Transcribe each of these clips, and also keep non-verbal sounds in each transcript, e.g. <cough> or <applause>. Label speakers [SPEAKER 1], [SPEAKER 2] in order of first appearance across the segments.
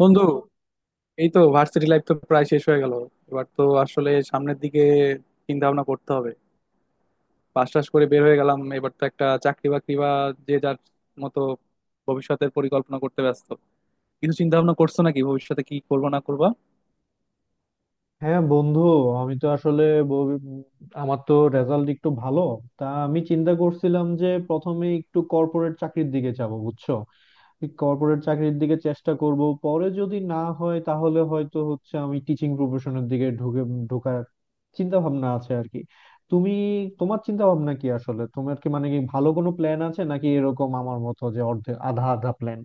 [SPEAKER 1] বন্ধু, এই তো ভার্সিটি লাইফ তো প্রায় শেষ হয়ে গেল। এবার তো আসলে সামনের দিকে চিন্তা ভাবনা করতে হবে। পাশ টাশ করে বের হয়ে গেলাম, এবার তো একটা চাকরি বাকরি বা যে যার মতো ভবিষ্যতের পরিকল্পনা করতে ব্যস্ত। কিছু চিন্তা ভাবনা করছো নাকি ভবিষ্যতে কি করবো না করবা?
[SPEAKER 2] হ্যাঁ বন্ধু, আমি তো আসলে ব- আমার তো রেজাল্ট একটু ভালো। তা আমি চিন্তা করছিলাম যে প্রথমে একটু কর্পোরেট চাকরির দিকে যাব, বুঝছো। কর্পোরেট চাকরির দিকে চেষ্টা করব, পরে যদি না হয় তাহলে হয়তো হচ্ছে আমি টিচিং প্রফেশনের দিকে ঢুকে ঢোকার চিন্তা ভাবনা আছে আর কি। তুমি, তোমার চিন্তা ভাবনা কি? আসলে তোমার কি মানে কি ভালো কোনো প্ল্যান আছে নাকি এরকম আমার মতো যে অর্ধেক আধা আধা প্ল্যান?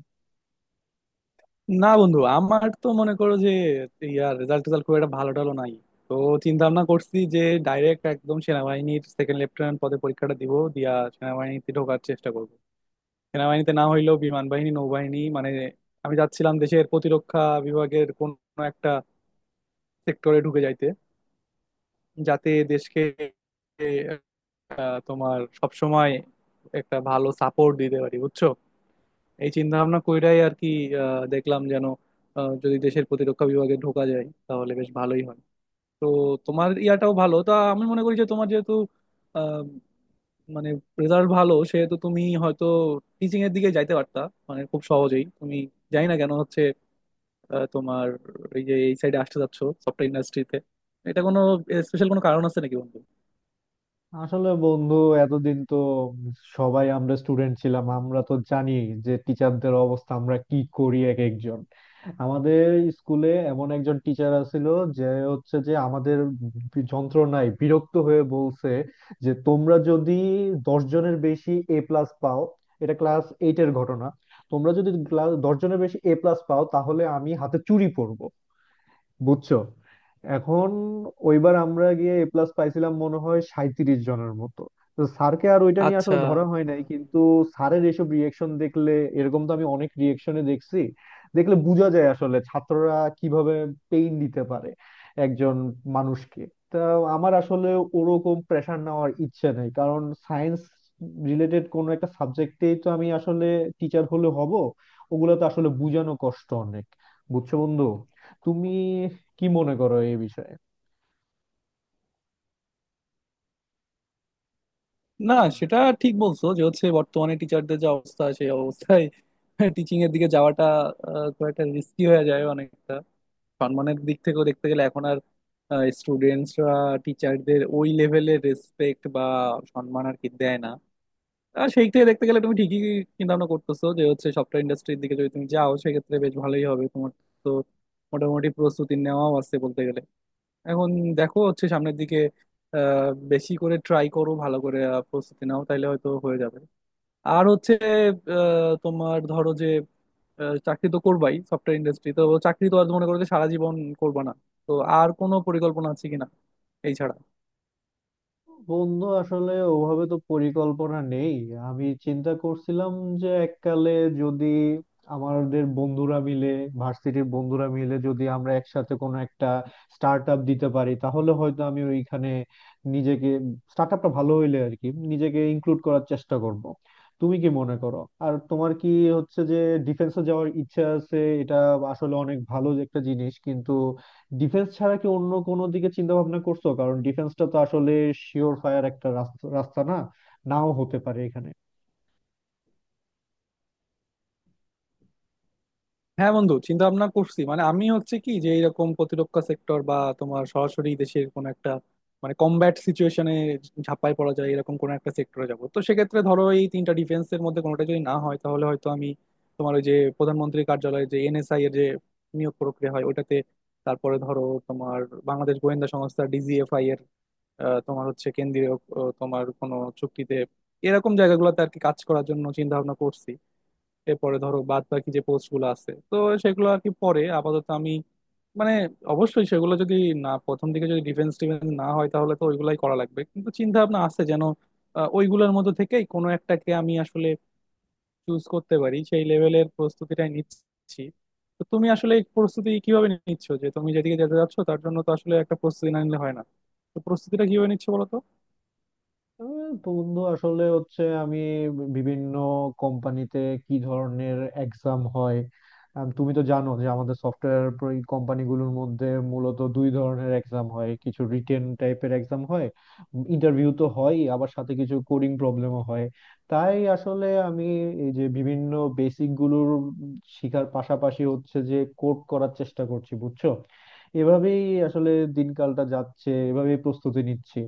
[SPEAKER 1] না বন্ধু, আমার তো মনে করো যে ইয়ার রেজাল্ট টেজাল্ট খুব একটা ভালো টালো নাই। তো চিন্তা ভাবনা করছি যে ডাইরেক্ট একদম সেনাবাহিনীর সেকেন্ড লেফটেন্যান্ট পদে পরীক্ষাটা দিব, দিয়া সেনাবাহিনীতে ঢোকার চেষ্টা করব। সেনাবাহিনীতে না হইলেও বিমান বাহিনী, নৌবাহিনী, মানে আমি যাচ্ছিলাম দেশের প্রতিরক্ষা বিভাগের কোন একটা সেক্টরে ঢুকে যাইতে, যাতে দেশকে তোমার সবসময় একটা ভালো সাপোর্ট দিতে পারি, বুঝছো। এই চিন্তা ভাবনা কইরাই আর কি। দেখলাম যেন যদি দেশের প্রতিরক্ষা বিভাগে ঢোকা যায় তাহলে বেশ ভালোই হয়। তো তোমার ইয়াটাও ভালো, তা আমি মনে করি যে তোমার যেহেতু আহ, মানে রেজাল্ট ভালো, সেহেতু তুমি হয়তো টিচিং এর দিকে যাইতে পারতা। মানে খুব সহজেই তুমি জানি না কেন হচ্ছে তোমার এই যে এই সাইডে আসতে যাচ্ছ সফটওয়্যার ইন্ডাস্ট্রিতে, এটা কোনো স্পেশাল কোনো কারণ আছে নাকি বন্ধু?
[SPEAKER 2] আসলে বন্ধু, এতদিন তো সবাই আমরা স্টুডেন্ট ছিলাম, আমরা তো জানি যে টিচারদের অবস্থা আমরা কি করি এক একজন। আমাদের স্কুলে এমন একজন টিচার আছিল যে হচ্ছে যে আমাদের যন্ত্রণায় বিরক্ত হয়ে বলছে যে তোমরা যদি 10 জনের বেশি A+ পাও, এটা ক্লাস 8 এর ঘটনা, তোমরা যদি ক্লাস 10 জনের বেশি A+ পাও তাহলে আমি হাতে চুড়ি পরব, বুঝছো। এখন ওইবার আমরা গিয়ে A+ পাইছিলাম মনে হয় 37 জনের মতো। তো স্যারকে আর ওইটা নিয়ে
[SPEAKER 1] আচ্ছা।
[SPEAKER 2] আসলে ধরা হয় নাই, কিন্তু স্যারের এসব রিয়েকশন দেখলে, এরকম তো আমি অনেক রিয়েকশনে দেখছি, দেখলে বোঝা যায় আসলে ছাত্ররা কিভাবে পেইন দিতে পারে একজন মানুষকে। তা আমার আসলে ওরকম প্রেশার নেওয়ার ইচ্ছে নেই, কারণ সায়েন্স রিলেটেড কোনো একটা সাবজেক্টেই তো আমি আসলে টিচার হলে হব, ওগুলো তো আসলে বোঝানো কষ্ট অনেক। বুঝছো বন্ধু, তুমি কি মনে করো এই বিষয়ে?
[SPEAKER 1] না, সেটা ঠিক বলছো যে হচ্ছে বর্তমানে টিচারদের যে অবস্থা, সেই অবস্থায় টিচিং এর দিকে যাওয়াটা খুব একটা রিস্কি হয়ে যায় অনেকটা। সম্মানের দিক থেকেও দেখতে গেলে এখন আর স্টুডেন্টসরা টিচারদের ওই লেভেলের রেসপেক্ট বা সম্মান আর কি দেয় না। আর সেই থেকে দেখতে গেলে তুমি ঠিকই চিন্তা ভাবনা করতেছো যে হচ্ছে সফটওয়্যার ইন্ডাস্ট্রির দিকে যদি তুমি যাও সেক্ষেত্রে বেশ ভালোই হবে তোমার। তো মোটামুটি প্রস্তুতি নেওয়াও আছে বলতে গেলে। এখন দেখো হচ্ছে সামনের দিকে বেশি করে ট্রাই করো, ভালো করে প্রস্তুতি নাও, তাইলে হয়তো হয়ে যাবে। আর হচ্ছে তোমার ধরো যে চাকরি তো করবাই, সফটওয়্যার ইন্ডাস্ট্রি তো চাকরি তো আর মনে করো যে সারা জীবন করবা না। তো আর কোনো পরিকল্পনা আছে কিনা এই ছাড়া?
[SPEAKER 2] বন্ধু আসলে ওভাবে তো পরিকল্পনা নেই। আমি চিন্তা করছিলাম যে এককালে যদি আমাদের বন্ধুরা মিলে, ভার্সিটির বন্ধুরা মিলে যদি আমরা একসাথে কোনো একটা স্টার্ট আপ দিতে পারি তাহলে হয়তো আমি ওইখানে নিজেকে, স্টার্ট আপটা ভালো হইলে আর কি নিজেকে ইনক্লুড করার চেষ্টা করব। তুমি কি মনে করো? আর তোমার কি হচ্ছে যে ডিফেন্সে যাওয়ার ইচ্ছা আছে, এটা আসলে অনেক ভালো একটা জিনিস, কিন্তু ডিফেন্স ছাড়া কি অন্য কোনো দিকে চিন্তা ভাবনা করছো? কারণ ডিফেন্সটা তো আসলে শিওর ফায়ার একটা রাস্তা, রাস্তা না নাও হতে পারে এখানে।
[SPEAKER 1] হ্যাঁ বন্ধু, চিন্তা ভাবনা করছি মানে আমি হচ্ছে কি যে এরকম প্রতিরক্ষা সেক্টর বা তোমার সরাসরি দেশের কোনো একটা মানে কমব্যাট সিচুয়েশনে ঝাঁপায় পড়া যায় এরকম কোনো একটা সেক্টরে যাব। তো সেক্ষেত্রে ধরো এই তিনটা ডিফেন্সের মধ্যে কোনোটা যদি না হয় তাহলে হয়তো আমি তোমার ওই যে প্রধানমন্ত্রীর কার্যালয়ে যে এনএসআই এর যে নিয়োগ প্রক্রিয়া হয় ওটাতে, তারপরে ধরো তোমার বাংলাদেশ গোয়েন্দা সংস্থা ডিজিএফআই এর তোমার হচ্ছে কেন্দ্রীয় তোমার কোনো চুক্তিতে, এরকম জায়গাগুলোতে আর কি কাজ করার জন্য চিন্তা ভাবনা করছি। এরপরে ধরো বাদ বাকি যে পোস্ট গুলো আছে, তো সেগুলো আর কি পরে। আপাতত আমি মানে অবশ্যই সেগুলো যদি না, প্রথম দিকে যদি ডিফেন্স টিফেন্স না হয় তাহলে তো ওইগুলাই করা লাগবে, কিন্তু চিন্তা ভাবনা আছে যেন ওইগুলোর মধ্যে থেকেই কোনো একটাকে আমি আসলে চুজ করতে পারি, সেই লেভেলের প্রস্তুতিটাই নিচ্ছি। তো তুমি আসলে এই প্রস্তুতি কিভাবে নিচ্ছ? যে তুমি যেদিকে যেতে যাচ্ছ তার জন্য তো আসলে একটা প্রস্তুতি না নিলে হয় না। তো প্রস্তুতিটা কিভাবে নিচ্ছ বলো তো।
[SPEAKER 2] বন্ধু আসলে হচ্ছে আমি বিভিন্ন কোম্পানিতে কি ধরনের এক্সাম হয়, তুমি তো জানো যে আমাদের সফটওয়্যার কোম্পানিগুলোর মধ্যে মূলত দুই ধরনের এক্সাম হয়, কিছু রিটেন টাইপের এক্সাম হয়, ইন্টারভিউ তো হয়, আবার সাথে কিছু কোডিং প্রবলেমও হয়। তাই আসলে আমি এই যে বিভিন্ন বেসিক গুলোর শিখার পাশাপাশি হচ্ছে যে কোড করার চেষ্টা করছি, বুঝছো। এভাবেই আসলে দিনকালটা যাচ্ছে, এভাবেই প্রস্তুতি নিচ্ছি।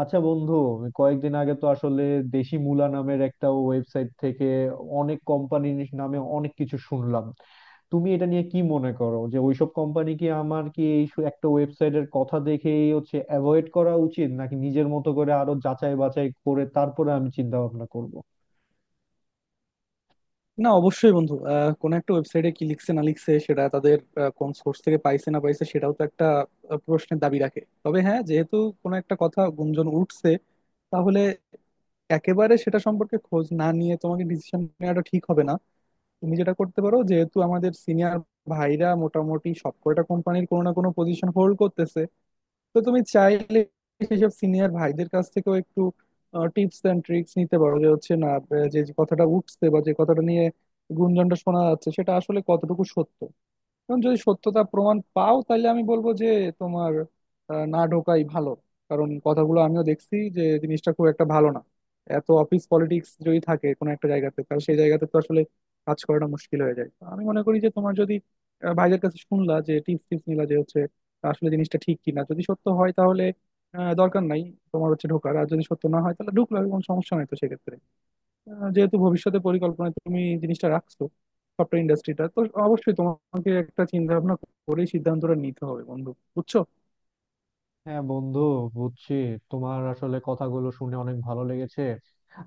[SPEAKER 2] আচ্ছা বন্ধু, আমি কয়েকদিন আগে তো আসলে দেশি মুলা নামের একটা ওয়েবসাইট থেকে অনেক কোম্পানির নামে অনেক কিছু শুনলাম। তুমি এটা নিয়ে কি মনে করো যে ওইসব কোম্পানি কি, আমার কি এই একটা ওয়েবসাইটের কথা দেখেই হচ্ছে অ্যাভয়েড করা উচিত নাকি নিজের মতো করে আরো যাচাই বাছাই করে তারপরে আমি চিন্তা ভাবনা করব?
[SPEAKER 1] না অবশ্যই বন্ধু, কোনো একটা ওয়েবসাইটে কি লিখছে না লিখছে সেটা তাদের কোন সোর্স থেকে পাইছে না পাইছে সেটাও তো একটা প্রশ্নের দাবি রাখে। তবে হ্যাঁ, যেহেতু কোনো একটা কথা গুঞ্জন উঠছে, তাহলে একেবারে সেটা সম্পর্কে খোঁজ না নিয়ে তোমাকে ডিসিশন নেওয়াটা ঠিক হবে না। তুমি যেটা করতে পারো, যেহেতু আমাদের সিনিয়র ভাইরা মোটামুটি সবকটা কোম্পানির কোনো না কোনো পজিশন হোল্ড করতেছে, তো তুমি চাইলে সেসব সিনিয়র ভাইদের কাছ থেকেও একটু টিপস এন্ড ট্রিক্স নিতে পারো। যে হচ্ছে না যে যে কথাটা উঠছে বা যে কথাটা নিয়ে গুঞ্জনটা শোনা যাচ্ছে সেটা আসলে কতটুকু সত্য, এবং যদি সত্যতা প্রমাণ পাও তাহলে আমি বলবো যে তোমার না ঢোকাই ভালো। কারণ কথাগুলো আমিও দেখছি যে জিনিসটা খুব একটা ভালো না। এত অফিস পলিটিক্স যদি থাকে কোনো একটা জায়গাতে তাহলে সেই জায়গাতে তো আসলে কাজ করাটা মুশকিল হয়ে যায়। তো আমি মনে করি যে তোমার যদি ভাইদের কাছে শুনলা যে টিপস টিপস নিলা যে হচ্ছে আসলে জিনিসটা ঠিক কিনা, যদি সত্য হয় তাহলে দরকার নাই তোমার হচ্ছে ঢোকার। আর যদি সত্য না হয় তাহলে ঢুকলো কোনো সমস্যা নাই। তো সেক্ষেত্রে যেহেতু ভবিষ্যতে পরিকল্পনায় তুমি এই জিনিসটা রাখছো সফটওয়্যার ইন্ডাস্ট্রিটা, তো অবশ্যই তোমাকে একটা চিন্তা ভাবনা করে সিদ্ধান্তটা নিতে হবে বন্ধু, বুঝছো।
[SPEAKER 2] হ্যাঁ বন্ধু, বুঝছি। তোমার আসলে কথাগুলো শুনে অনেক ভালো লেগেছে।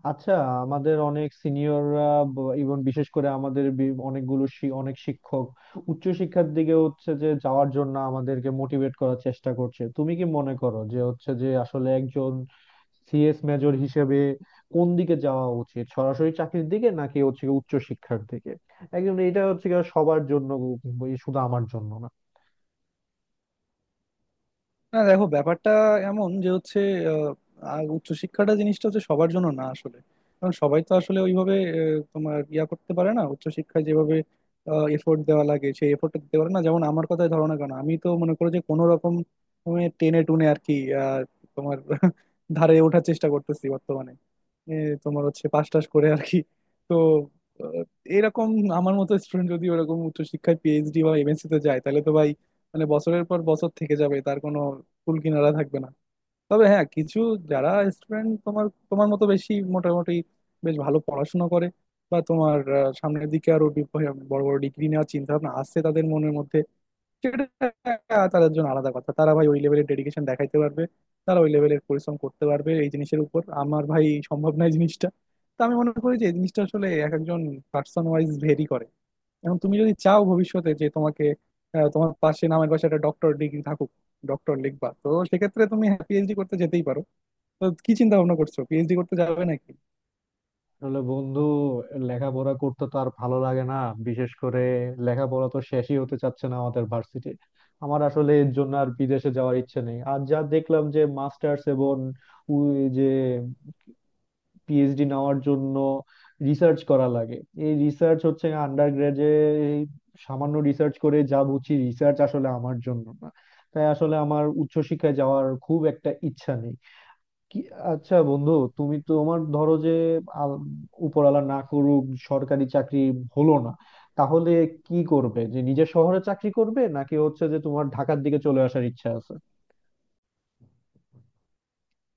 [SPEAKER 2] আচ্ছা, আমাদের অনেক সিনিয়ররা এবং বিশেষ করে আমাদের অনেকগুলো অনেক শিক্ষক উচ্চশিক্ষার দিকে হচ্ছে যে যাওয়ার জন্য আমাদেরকে মোটিভেট করার চেষ্টা করছে। তুমি কি মনে করো যে হচ্ছে যে আসলে একজন সিএস মেজর হিসেবে কোন দিকে যাওয়া উচিত, সরাসরি চাকরির দিকে নাকি হচ্ছে গিয়ে উচ্চশিক্ষার দিকে? একদম এটা হচ্ছে গিয়ে সবার জন্য, শুধু আমার জন্য না।
[SPEAKER 1] না দেখো ব্যাপারটা এমন যে হচ্ছে আহ, আহ, উচ্চশিক্ষাটা জিনিসটা হচ্ছে সবার জন্য না আসলে। কারণ সবাই তো আসলে ওইভাবে তোমার ইয়া করতে পারে না। উচ্চশিক্ষায় যেভাবে এফোর্ট দেওয়া লাগে সেই এফোর্টটা দিতে পারে না। যেমন আমার কথাই ধরো না কেন, আমি তো মনে করো যে কোনো রকম তুমি টেনে টুনে আর কি আহ, তোমার <laughs> ধারে ওঠার চেষ্টা করতেছি বর্তমানে। এ, তোমার হচ্ছে পাস টাস করে আর কি। তো আহ, এরকম আমার মতো স্টুডেন্ট যদি ওরকম উচ্চশিক্ষায় পিএইচডি বা এমএসসি তে যায় তাহলে তো ভাই, মানে বছরের পর বছর থেকে যাবে, তার কোনো কুল কিনারা থাকবে না। তবে হ্যাঁ, কিছু যারা স্টুডেন্ট তোমার তোমার মতো বেশি মোটামুটি বেশ ভালো পড়াশোনা করে বা তোমার সামনের দিকে আরো বড় বড় ডিগ্রি নেওয়ার চিন্তা ভাবনা আসছে তাদের মনের মধ্যে, সেটা তাদের জন্য আলাদা কথা। তারা ভাই ওই লেভেলের ডেডিকেশন দেখাইতে পারবে, তারা ওই লেভেলের পরিশ্রম করতে পারবে। এই জিনিসের উপর আমার ভাই সম্ভব নয় জিনিসটা। তো আমি মনে করি যে এই জিনিসটা আসলে এক একজন পার্সন ওয়াইজ ভেরি করে। এখন তুমি যদি চাও ভবিষ্যতে যে তোমাকে তোমার পাশে, নামের পাশে একটা ডক্টর ডিগ্রি থাকুক, ডক্টর লিখবা, তো সেক্ষেত্রে তুমি পিএইচডি করতে যেতেই পারো। তো কি চিন্তা ভাবনা করছো, পিএইচডি করতে যাবে নাকি?
[SPEAKER 2] আসলে বন্ধু লেখাপড়া করতে তো আর ভালো লাগে না, বিশেষ করে লেখাপড়া তো শেষই হতে চাচ্ছে না আমাদের ভার্সিটি। আমার আসলে এর জন্য আর বিদেশে যাওয়ার ইচ্ছে নেই। আর যা দেখলাম যে মাস্টার্স এবং যে পিএইচডি নেওয়ার জন্য রিসার্চ করা লাগে, এই রিসার্চ হচ্ছে আন্ডার গ্রাজে সামান্য রিসার্চ করে যা বুঝি রিসার্চ আসলে আমার জন্য না। তাই আসলে আমার উচ্চশিক্ষায় যাওয়ার খুব একটা ইচ্ছা নেই। কি, আচ্ছা বন্ধু, তুমি তো তোমার ধরো যে আল- উপরওয়ালা না করুক, সরকারি চাকরি হলো না, তাহলে কি করবে? যে নিজের শহরে চাকরি করবে নাকি হচ্ছে যে তোমার ঢাকার দিকে চলে আসার ইচ্ছা আছে?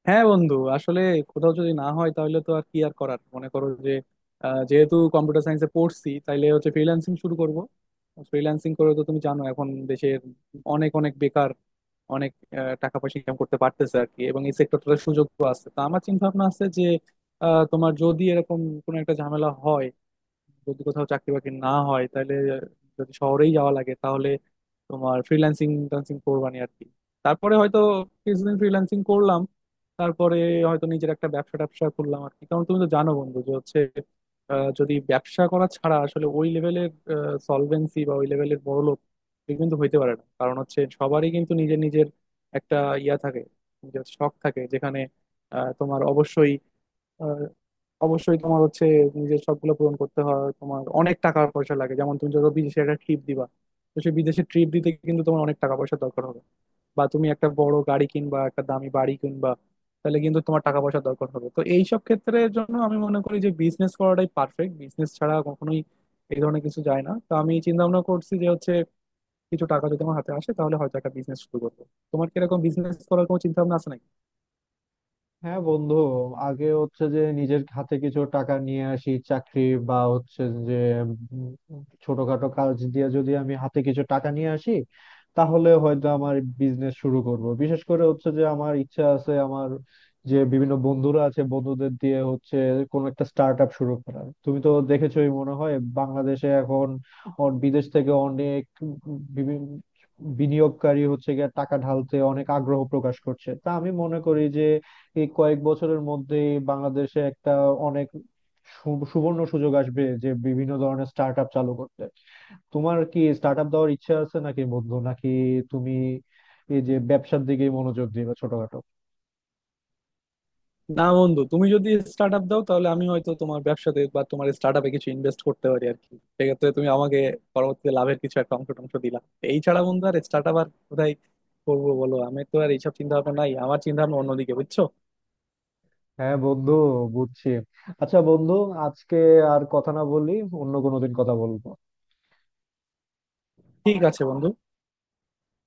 [SPEAKER 1] হ্যাঁ বন্ধু, আসলে কোথাও যদি না হয় তাহলে তো আর কি আর করার, মনে করো যে যেহেতু কম্পিউটার সায়েন্সে পড়ছি তাইলে হচ্ছে ফ্রিল্যান্সিং শুরু করব। ফ্রিল্যান্সিং করে তো তুমি জানো এখন দেশের অনেক অনেক বেকার অনেক টাকা পয়সা ইনকাম করতে পারতেছে আর কি। এবং এই সেক্টরটাতে সুযোগও আছে। তো আমার চিন্তা ভাবনা আছে যে তোমার যদি এরকম কোনো একটা ঝামেলা হয়, যদি কোথাও চাকরি বাকরি না হয় তাহলে, যদি শহরেই যাওয়া লাগে তাহলে তোমার ফ্রিল্যান্সিং ট্যান্সিং করবানি আর কি। তারপরে হয়তো কিছুদিন ফ্রিল্যান্সিং করলাম, তারপরে হয়তো নিজের একটা ব্যবসা ট্যাবসা খুললাম আর কি। কারণ তুমি তো জানো বন্ধু যে হচ্ছে যদি ব্যবসা করা ছাড়া আসলে ওই লেভেলের সলভেন্সি বা ওই লেভেলের বড়লোক কেউ কিন্তু হইতে পারে না। কারণ হচ্ছে সবারই কিন্তু নিজের নিজের একটা ইয়া থাকে, নিজের শখ থাকে, যেখানে তোমার অবশ্যই অবশ্যই তোমার হচ্ছে নিজের শখগুলো পূরণ করতে হয়। তোমার অনেক টাকা পয়সা লাগে। যেমন তুমি যত বিদেশে একটা ট্রিপ দিবা, তো সেই বিদেশে ট্রিপ দিতে কিন্তু তোমার অনেক টাকা পয়সা দরকার হবে। বা তুমি একটা বড় গাড়ি কিনবা, একটা দামি বাড়ি কিনবা, তাহলে কিন্তু তোমার টাকা পয়সা দরকার হবে। তো এইসব ক্ষেত্রের জন্য আমি মনে করি যে বিজনেস করাটাই পারফেক্ট। বিজনেস ছাড়া কখনোই এই ধরনের কিছু যায় না। তো আমি চিন্তা ভাবনা করছি যে হচ্ছে কিছু টাকা যদি আমার হাতে আসে তাহলে হয়তো একটা বিজনেস শুরু করবো। তোমার কিরকম বিজনেস করার কোনো চিন্তা ভাবনা আছে নাকি?
[SPEAKER 2] হ্যাঁ বন্ধু, আগে হচ্ছে যে নিজের হাতে কিছু টাকা নিয়ে আসি, চাকরি বা হচ্ছে যে ছোটখাটো কাজ দিয়ে যদি আমি হাতে কিছু টাকা নিয়ে আসি তাহলে হয়তো আমার বিজনেস শুরু করব। বিশেষ করে হচ্ছে যে আমার ইচ্ছা আছে আমার যে বিভিন্ন বন্ধুরা আছে বন্ধুদের দিয়ে হচ্ছে কোন একটা স্টার্ট আপ শুরু করার। তুমি তো দেখেছোই মনে হয় বাংলাদেশে এখন বিদেশ থেকে অনেক বিভিন্ন বিনিয়োগকারী হচ্ছে গিয়ে টাকা ঢালতে অনেক আগ্রহ প্রকাশ করছে। তা আমি মনে করি যে এই কয়েক বছরের মধ্যে বাংলাদেশে একটা অনেক সুবর্ণ সুযোগ আসবে যে বিভিন্ন ধরনের স্টার্ট আপ চালু করতে। তোমার কি স্টার্ট আপ দেওয়ার ইচ্ছা আছে নাকি বন্ধু? নাকি তুমি এই যে ব্যবসার দিকে মনোযোগ দিবে ছোটখাটো?
[SPEAKER 1] না বন্ধু, তুমি যদি স্টার্ট আপ দাও তাহলে আমি হয়তো তোমার ব্যবসাতে বা তোমার স্টার্ট আপে কিছু ইনভেস্ট করতে পারি আর কি। সেক্ষেত্রে তুমি আমাকে পরবর্তীতে লাভের কিছু একটা অংশ টংশ দিলা। এই ছাড়া বন্ধু আর স্টার্ট আপ আর কোথায় করবো বলো? আমি তো আর এইসব চিন্তা ভাবনা নাই, আমার চিন্তা ভাবনা অন্যদিকে, বুঝছো।
[SPEAKER 2] হ্যাঁ বন্ধু, বুঝছি। আচ্ছা বন্ধু, আজকে আর কথা না বলি। অন্য কোনো দিন কথা বলবো।
[SPEAKER 1] ঠিক আছে বন্ধু।